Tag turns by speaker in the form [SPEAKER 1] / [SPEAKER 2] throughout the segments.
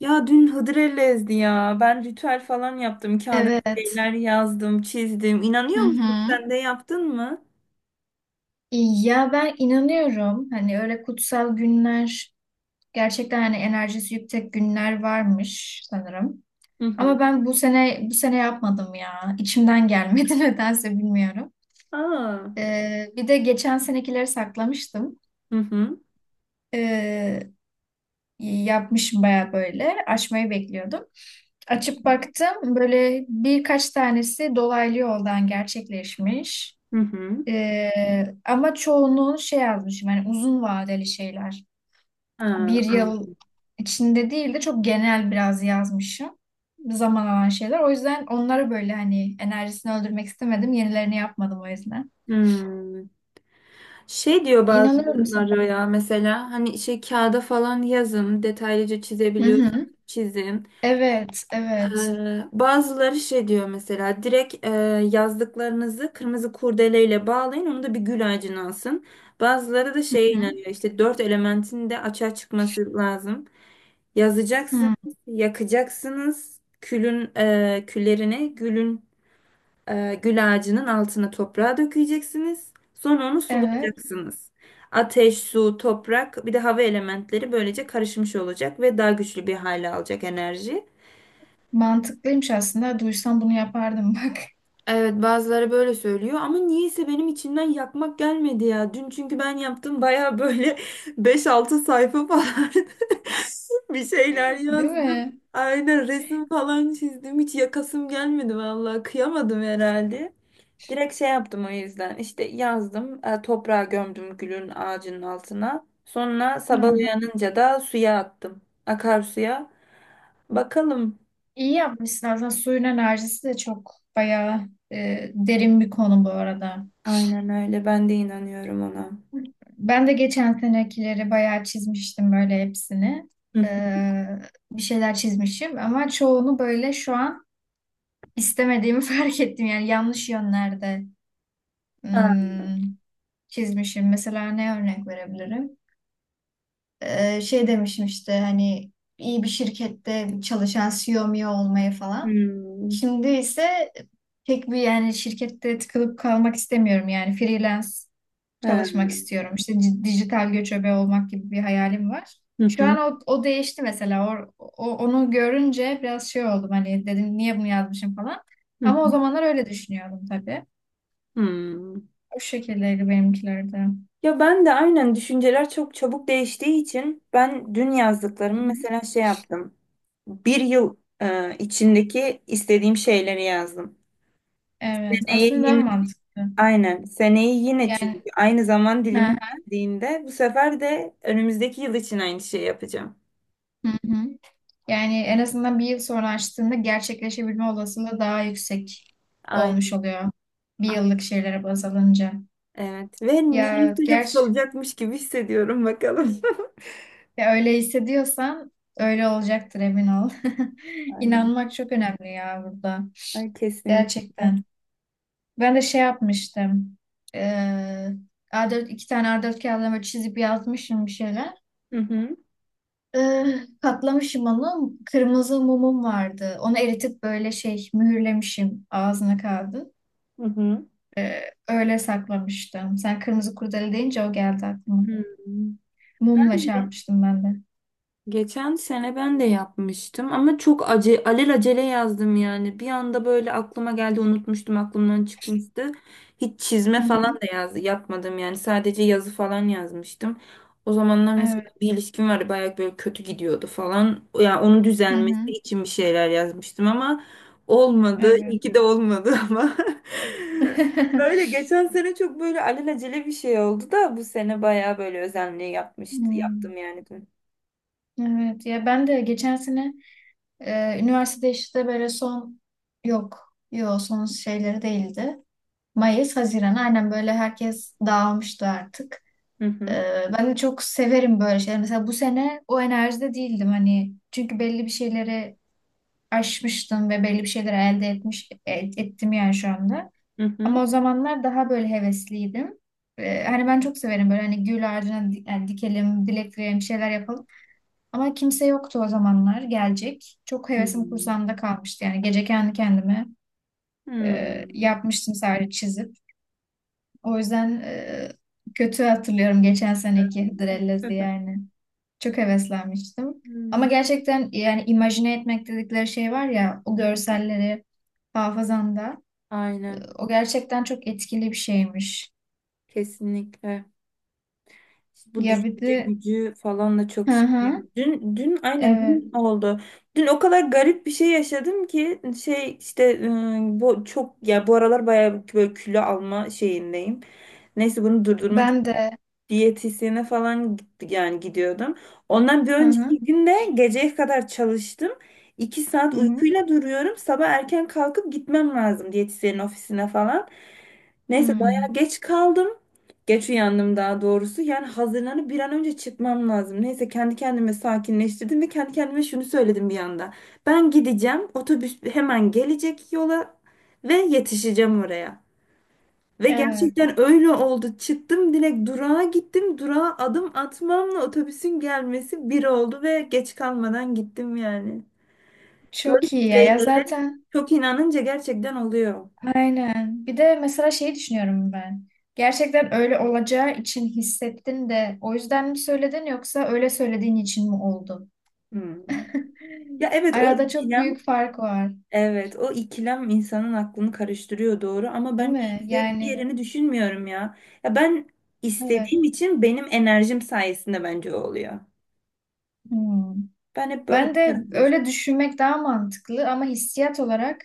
[SPEAKER 1] Ya dün Hıdrellez'di ya. Ben ritüel falan yaptım. Kağıda bir
[SPEAKER 2] Evet.
[SPEAKER 1] şeyler yazdım, çizdim.
[SPEAKER 2] Hı
[SPEAKER 1] İnanıyor musun?
[SPEAKER 2] hı.
[SPEAKER 1] Sen de yaptın mı?
[SPEAKER 2] Ya ben inanıyorum hani öyle kutsal günler gerçekten hani enerjisi yüksek günler varmış sanırım.
[SPEAKER 1] Hı hı.
[SPEAKER 2] Ama ben bu sene yapmadım ya. İçimden gelmedi nedense bilmiyorum.
[SPEAKER 1] Aa.
[SPEAKER 2] Bir de geçen senekileri saklamıştım.
[SPEAKER 1] Hı hı.
[SPEAKER 2] Ee, Yapmışım baya böyle açmayı bekliyordum. Açıp baktım böyle birkaç tanesi dolaylı yoldan gerçekleşmiş.
[SPEAKER 1] Hı hı.
[SPEAKER 2] Ama çoğunluğunu şey yazmışım, yani uzun vadeli şeyler.
[SPEAKER 1] Ha,
[SPEAKER 2] Bir
[SPEAKER 1] an-
[SPEAKER 2] yıl içinde değil de çok genel biraz yazmışım. Zaman alan şeyler. O yüzden onları böyle hani enerjisini öldürmek istemedim. Yenilerini yapmadım o yüzden.
[SPEAKER 1] hmm. Şey diyor
[SPEAKER 2] İnanıyorum
[SPEAKER 1] bazıları
[SPEAKER 2] sanırım.
[SPEAKER 1] ya, mesela hani şey kağıda falan yazın, detaylıca
[SPEAKER 2] Hı
[SPEAKER 1] çizebiliyorsanız
[SPEAKER 2] hı.
[SPEAKER 1] çizin.
[SPEAKER 2] Evet, evet.
[SPEAKER 1] Bazıları şey diyor mesela, direkt yazdıklarınızı kırmızı kurdeleyle bağlayın, onu da bir gül ağacına asın. Bazıları da
[SPEAKER 2] Hı
[SPEAKER 1] şeye
[SPEAKER 2] hı.
[SPEAKER 1] inanıyor, işte dört elementin de açığa çıkması lazım. Yazacaksınız,
[SPEAKER 2] Hı.
[SPEAKER 1] yakacaksınız, küllerini gül ağacının altına toprağa dökeceksiniz. Sonra onu
[SPEAKER 2] Evet.
[SPEAKER 1] sulayacaksınız. Ateş, su, toprak bir de hava elementleri böylece karışmış olacak ve daha güçlü bir hale alacak enerji.
[SPEAKER 2] Mantıklıymış aslında. Duysam bunu yapardım bak.
[SPEAKER 1] Evet, bazıları böyle söylüyor ama niyeyse benim içimden yakmak gelmedi ya. Dün çünkü ben yaptım baya böyle beş altı sayfa falan bir şeyler
[SPEAKER 2] Değil
[SPEAKER 1] yazdım.
[SPEAKER 2] mi?
[SPEAKER 1] Aynen, resim falan çizdim. Hiç yakasım gelmedi, vallahi kıyamadım herhalde. Direkt şey yaptım o yüzden, işte yazdım, toprağa gömdüm gülün ağacının altına. Sonra
[SPEAKER 2] Hı
[SPEAKER 1] sabah
[SPEAKER 2] hı.
[SPEAKER 1] uyanınca da suya attım, akarsuya. Bakalım.
[SPEAKER 2] İyi yapmışsın. Aslında suyun enerjisi de çok bayağı derin bir konu bu arada.
[SPEAKER 1] Aynen öyle, ben de inanıyorum ona.
[SPEAKER 2] Ben de geçen senekileri bayağı çizmiştim böyle hepsini. Ee, Bir şeyler çizmişim ama çoğunu böyle şu an istemediğimi fark ettim. Yani yanlış yönlerde hmm, çizmişim. Mesela ne örnek verebilirim? Şey demişim işte hani iyi bir şirkette çalışan CEO mu olmayı falan.
[SPEAKER 1] Hmm.
[SPEAKER 2] Şimdi ise pek bir, yani şirkette tıkılıp kalmak istemiyorum, yani freelance
[SPEAKER 1] Ha.
[SPEAKER 2] çalışmak istiyorum. İşte dijital göçebe olmak gibi bir hayalim var.
[SPEAKER 1] Hı
[SPEAKER 2] Şu
[SPEAKER 1] hı.
[SPEAKER 2] an o değişti mesela. Onu görünce biraz şey oldum, hani dedim niye bunu yazmışım falan.
[SPEAKER 1] Hı
[SPEAKER 2] Ama o
[SPEAKER 1] hı.
[SPEAKER 2] zamanlar öyle düşünüyordum tabii.
[SPEAKER 1] Hmm.
[SPEAKER 2] O şekildeydi benimkiler de.
[SPEAKER 1] Ya ben de aynen, düşünceler çok çabuk değiştiği için ben dün
[SPEAKER 2] Hı
[SPEAKER 1] yazdıklarımı
[SPEAKER 2] hı.
[SPEAKER 1] mesela şey yaptım. Bir yıl içindeki istediğim şeyleri yazdım.
[SPEAKER 2] Evet,
[SPEAKER 1] Seneye
[SPEAKER 2] aslında daha
[SPEAKER 1] yine,
[SPEAKER 2] mantıklı.
[SPEAKER 1] aynen, seneyi yine, çünkü aynı zaman
[SPEAKER 2] Hı
[SPEAKER 1] dilimi
[SPEAKER 2] hı.
[SPEAKER 1] istediğinde bu sefer de önümüzdeki yıl için aynı şeyi yapacağım.
[SPEAKER 2] Hı hı. Yani en azından bir yıl sonra açtığında gerçekleşebilme olasılığı daha yüksek
[SPEAKER 1] Aynen.
[SPEAKER 2] olmuş oluyor. Bir
[SPEAKER 1] Ah,
[SPEAKER 2] yıllık şeylere baz alınca.
[SPEAKER 1] evet, ve
[SPEAKER 2] Ya
[SPEAKER 1] niyeyse hepsi
[SPEAKER 2] gerçi
[SPEAKER 1] olacakmış gibi hissediyorum, bakalım.
[SPEAKER 2] Ya öyle hissediyorsan öyle olacaktır, emin ol.
[SPEAKER 1] Aynen.
[SPEAKER 2] İnanmak çok önemli ya burada.
[SPEAKER 1] Ay, kesinlikle.
[SPEAKER 2] Gerçekten. Ben de şey yapmıştım. Ee, A4, iki tane A4 kağıdına böyle çizip yazmışım bir şeyler.
[SPEAKER 1] Hı hı.
[SPEAKER 2] Ee, Katlamışım onu. Kırmızı mumum vardı. Onu eritip böyle şey mühürlemişim ağzına kağıdı.
[SPEAKER 1] Hı hı.
[SPEAKER 2] Ee, Öyle saklamıştım. Sen kırmızı kurdele deyince o geldi aklıma.
[SPEAKER 1] Hmm.
[SPEAKER 2] Mumla
[SPEAKER 1] Ben
[SPEAKER 2] şey
[SPEAKER 1] de
[SPEAKER 2] yapmıştım ben de.
[SPEAKER 1] Geçen sene ben de yapmıştım ama çok alelacele yazdım yani. Bir anda böyle aklıma geldi, unutmuştum, aklımdan çıkmıştı. Hiç
[SPEAKER 2] Hı
[SPEAKER 1] çizme falan
[SPEAKER 2] hı.
[SPEAKER 1] da yapmadım yani. Sadece yazı falan yazmıştım. O zamanlar mesela
[SPEAKER 2] Evet.
[SPEAKER 1] bir ilişkim vardı, bayağı böyle kötü gidiyordu falan. Ya yani onun
[SPEAKER 2] Hı
[SPEAKER 1] düzelmesi
[SPEAKER 2] hı.
[SPEAKER 1] için bir şeyler yazmıştım ama olmadı.
[SPEAKER 2] Evet.
[SPEAKER 1] İyi ki de olmadı ama. Öyle geçen sene çok böyle alelacele bir şey oldu da bu sene bayağı böyle özenli yapmıştı. Yaptım
[SPEAKER 2] Hmm.
[SPEAKER 1] yani dün.
[SPEAKER 2] Evet, ya ben de geçen sene üniversitede işte böyle son, yok yok, son şeyleri değildi. Mayıs, Haziran, aynen böyle herkes dağılmıştı artık.
[SPEAKER 1] Hı
[SPEAKER 2] E,
[SPEAKER 1] hı.
[SPEAKER 2] Ben de çok severim böyle şeyler. Mesela bu sene o enerjide değildim, hani çünkü belli bir şeyleri aşmıştım ve belli bir şeyleri ettim yani şu anda.
[SPEAKER 1] Hı
[SPEAKER 2] Ama
[SPEAKER 1] hı.
[SPEAKER 2] o zamanlar daha böyle hevesliydim. Hani ben çok severim böyle, hani gül ağacına yani dikelim, dilek dileyelim, bir şeyler yapalım. Ama kimse yoktu o zamanlar gelecek. Çok hevesim
[SPEAKER 1] Hmm.
[SPEAKER 2] kursağımda kalmıştı. Yani gece kendi kendime
[SPEAKER 1] Hmm.
[SPEAKER 2] yapmıştım sadece çizip. O yüzden kötü hatırlıyorum geçen
[SPEAKER 1] Evet.
[SPEAKER 2] seneki Hıdrellez'i yani. Çok heveslenmiştim. Ama
[SPEAKER 1] Hmm.
[SPEAKER 2] gerçekten yani imajine etmek dedikleri şey var ya, o
[SPEAKER 1] Hı hı.
[SPEAKER 2] görselleri hafızanda.
[SPEAKER 1] Aynen.
[SPEAKER 2] O gerçekten çok etkili bir şeymiş.
[SPEAKER 1] Kesinlikle. Bu
[SPEAKER 2] Ya bir
[SPEAKER 1] düşünce
[SPEAKER 2] de
[SPEAKER 1] gücü falan da çok
[SPEAKER 2] hı
[SPEAKER 1] şey.
[SPEAKER 2] hı,
[SPEAKER 1] Dün aynen
[SPEAKER 2] evet,
[SPEAKER 1] dün oldu. Dün o kadar garip bir şey yaşadım ki, şey işte, bu çok ya, bu aralar bayağı böyle kilo alma şeyindeyim. Neyse bunu durdurmak
[SPEAKER 2] ben de.
[SPEAKER 1] diyetisyene falan gitti, yani gidiyordum. Ondan bir
[SPEAKER 2] Hı hı.
[SPEAKER 1] önceki günde geceye kadar çalıştım. İki
[SPEAKER 2] Hı
[SPEAKER 1] saat
[SPEAKER 2] hı.
[SPEAKER 1] uykuyla duruyorum. Sabah erken kalkıp gitmem lazım diyetisyenin ofisine falan. Neyse
[SPEAKER 2] Hı.
[SPEAKER 1] bayağı geç kaldım. Geç uyandım daha doğrusu. Yani hazırlanıp bir an önce çıkmam lazım. Neyse kendi kendime sakinleştirdim ve kendi kendime şunu söyledim bir anda. Ben gideceğim. Otobüs hemen gelecek yola ve yetişeceğim oraya. Ve
[SPEAKER 2] Evet.
[SPEAKER 1] gerçekten öyle oldu. Çıktım, direkt durağa gittim. Durağa adım atmamla otobüsün gelmesi bir oldu ve geç kalmadan gittim yani. Böyle
[SPEAKER 2] Çok
[SPEAKER 1] bir
[SPEAKER 2] iyi ya.
[SPEAKER 1] şey,
[SPEAKER 2] Ya zaten.
[SPEAKER 1] çok inanınca gerçekten oluyor.
[SPEAKER 2] Aynen. Bir de mesela şeyi düşünüyorum ben. Gerçekten öyle olacağı için hissettin de o yüzden mi söyledin, yoksa öyle söylediğin için mi oldu?
[SPEAKER 1] Hmm. Ya evet,
[SPEAKER 2] Arada çok büyük fark var,
[SPEAKER 1] o ikilem insanın aklını karıştırıyor doğru, ama
[SPEAKER 2] değil
[SPEAKER 1] ben
[SPEAKER 2] mi?
[SPEAKER 1] işte bir
[SPEAKER 2] Yani
[SPEAKER 1] yerini düşünmüyorum ya. Ya ben
[SPEAKER 2] evet.
[SPEAKER 1] istediğim için, benim enerjim sayesinde bence o oluyor.
[SPEAKER 2] Hmm.
[SPEAKER 1] Ben hep böyle
[SPEAKER 2] Ben de öyle düşünmek daha mantıklı ama hissiyat olarak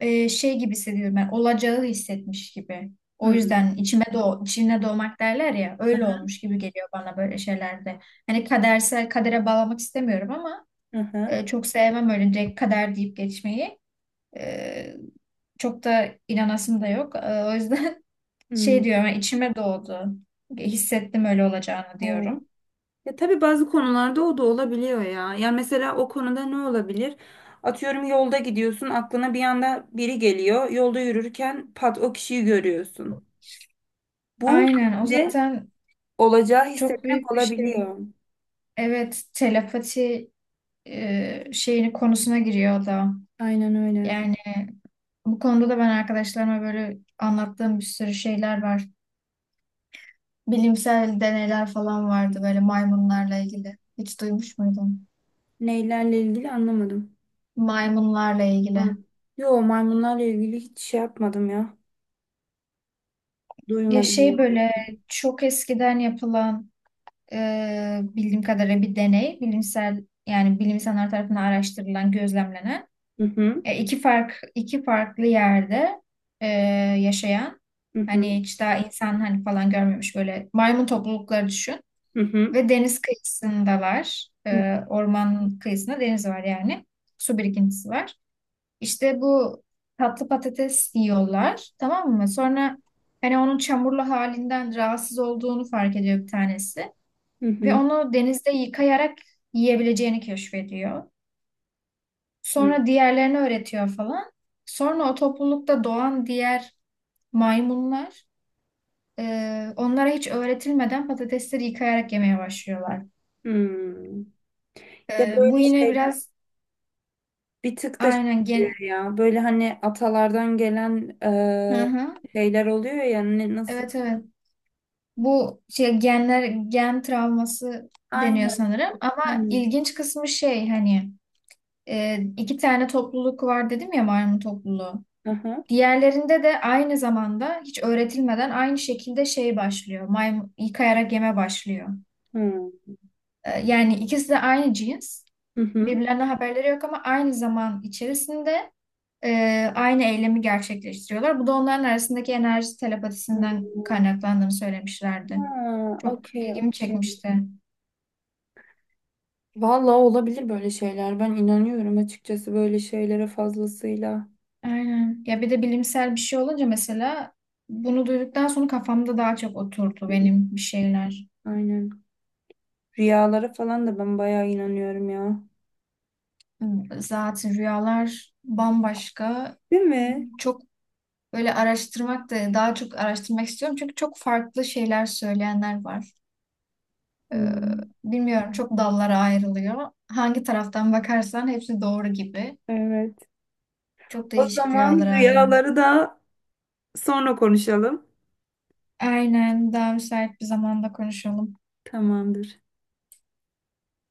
[SPEAKER 2] şey gibi hissediyorum, ben, olacağı hissetmiş gibi. O
[SPEAKER 1] hmm.
[SPEAKER 2] yüzden içime doğ içine doğmak derler ya, öyle
[SPEAKER 1] Aha,
[SPEAKER 2] olmuş gibi geliyor bana böyle şeylerde. Hani kadere bağlamak istemiyorum ama
[SPEAKER 1] aha,
[SPEAKER 2] Çok sevmem öyle direkt kader deyip geçmeyi. E, Çok da inanasım da yok. O yüzden
[SPEAKER 1] hmm.
[SPEAKER 2] şey diyorum, yani içime doğdu. Hissettim öyle olacağını
[SPEAKER 1] Evet.
[SPEAKER 2] diyorum.
[SPEAKER 1] Ya tabii bazı konularda o da olabiliyor ya. Yani mesela o konuda ne olabilir? Atıyorum, yolda gidiyorsun, aklına bir anda biri geliyor. Yolda yürürken pat, o kişiyi görüyorsun. Bu
[SPEAKER 2] Aynen, o
[SPEAKER 1] bence
[SPEAKER 2] zaten
[SPEAKER 1] olacağı
[SPEAKER 2] çok
[SPEAKER 1] hissetmek
[SPEAKER 2] büyük bir şey.
[SPEAKER 1] olabiliyor.
[SPEAKER 2] Evet, telepati şeyini, konusuna giriyor o da.
[SPEAKER 1] Aynen öyle.
[SPEAKER 2] Yani bu konuda da ben arkadaşlarıma böyle anlattığım bir sürü şeyler var. Bilimsel deneyler falan vardı böyle maymunlarla ilgili. Hiç duymuş muydun?
[SPEAKER 1] Neylerle ilgili anlamadım.
[SPEAKER 2] Maymunlarla
[SPEAKER 1] Ha.
[SPEAKER 2] ilgili.
[SPEAKER 1] Yo, maymunlarla ilgili hiç şey yapmadım ya.
[SPEAKER 2] Ya
[SPEAKER 1] Duymadım ya.
[SPEAKER 2] şey böyle çok eskiden yapılan bildiğim kadarıyla bir deney, bilimsel, yani bilim insanlar tarafından araştırılan, gözlemlenen,
[SPEAKER 1] Hı hı,
[SPEAKER 2] iki farklı yerde e, yaşayan,
[SPEAKER 1] hı
[SPEAKER 2] hani
[SPEAKER 1] hı,
[SPEAKER 2] hiç daha insan hani falan görmemiş böyle maymun toplulukları düşün
[SPEAKER 1] hı hı,
[SPEAKER 2] ve deniz kıyısındalar.
[SPEAKER 1] hı
[SPEAKER 2] Orman kıyısında deniz var yani. Su birikintisi var. İşte bu tatlı patates yiyorlar, tamam mı? Sonra hani onun çamurlu halinden rahatsız olduğunu fark ediyor bir tanesi. Ve
[SPEAKER 1] hı,
[SPEAKER 2] onu denizde yıkayarak yiyebileceğini keşfediyor.
[SPEAKER 1] hı hı.
[SPEAKER 2] Sonra diğerlerini öğretiyor falan. Sonra o toplulukta doğan diğer maymunlar e, onlara hiç öğretilmeden patatesleri yıkayarak yemeye başlıyorlar.
[SPEAKER 1] Hmm. Ya
[SPEAKER 2] Bu
[SPEAKER 1] böyle
[SPEAKER 2] yine
[SPEAKER 1] şeyler
[SPEAKER 2] biraz
[SPEAKER 1] Bir tık da
[SPEAKER 2] aynen gen...
[SPEAKER 1] şey ya, böyle hani atalardan gelen
[SPEAKER 2] Hı hı.
[SPEAKER 1] şeyler oluyor ya, ne, nasıl?
[SPEAKER 2] Evet, evet. Bu gen travması deniyor
[SPEAKER 1] Aynen,
[SPEAKER 2] sanırım ama
[SPEAKER 1] aynen.
[SPEAKER 2] ilginç kısmı şey, hani, iki tane topluluk var dedim ya, maymun topluluğu.
[SPEAKER 1] Aha.
[SPEAKER 2] Diğerlerinde de aynı zamanda hiç öğretilmeden aynı şekilde şey başlıyor. Maymun yıkayarak yeme başlıyor.
[SPEAKER 1] Hı.
[SPEAKER 2] Yani ikisi de aynı cins.
[SPEAKER 1] Hı hı.
[SPEAKER 2] Birbirlerine haberleri yok ama aynı zaman içerisinde e, aynı eylemi gerçekleştiriyorlar. Bu da onların arasındaki enerji
[SPEAKER 1] Hı.
[SPEAKER 2] telepatisinden kaynaklandığını söylemişlerdi.
[SPEAKER 1] Ha,
[SPEAKER 2] Çok
[SPEAKER 1] okey,
[SPEAKER 2] ilgimi
[SPEAKER 1] okey.
[SPEAKER 2] çekmişti.
[SPEAKER 1] Vallahi olabilir böyle şeyler. Ben inanıyorum açıkçası böyle şeylere fazlasıyla.
[SPEAKER 2] Aynen. Ya bir de bilimsel bir şey olunca mesela, bunu duyduktan sonra kafamda daha çok oturdu benim bir şeyler.
[SPEAKER 1] Aynen. Rüyalara falan da ben bayağı inanıyorum ya.
[SPEAKER 2] Zaten rüyalar bambaşka.
[SPEAKER 1] Değil mi?
[SPEAKER 2] Çok böyle araştırmak da, daha çok araştırmak istiyorum. Çünkü çok farklı şeyler söyleyenler var.
[SPEAKER 1] Hı.
[SPEAKER 2] Ee, Bilmiyorum, çok dallara ayrılıyor. Hangi taraftan bakarsan hepsi doğru gibi.
[SPEAKER 1] Evet.
[SPEAKER 2] Çok
[SPEAKER 1] O
[SPEAKER 2] değişik
[SPEAKER 1] zaman
[SPEAKER 2] rüyalar alemi.
[SPEAKER 1] rüyaları da sonra konuşalım.
[SPEAKER 2] Aynen, daha müsait bir zamanda konuşalım.
[SPEAKER 1] Tamamdır.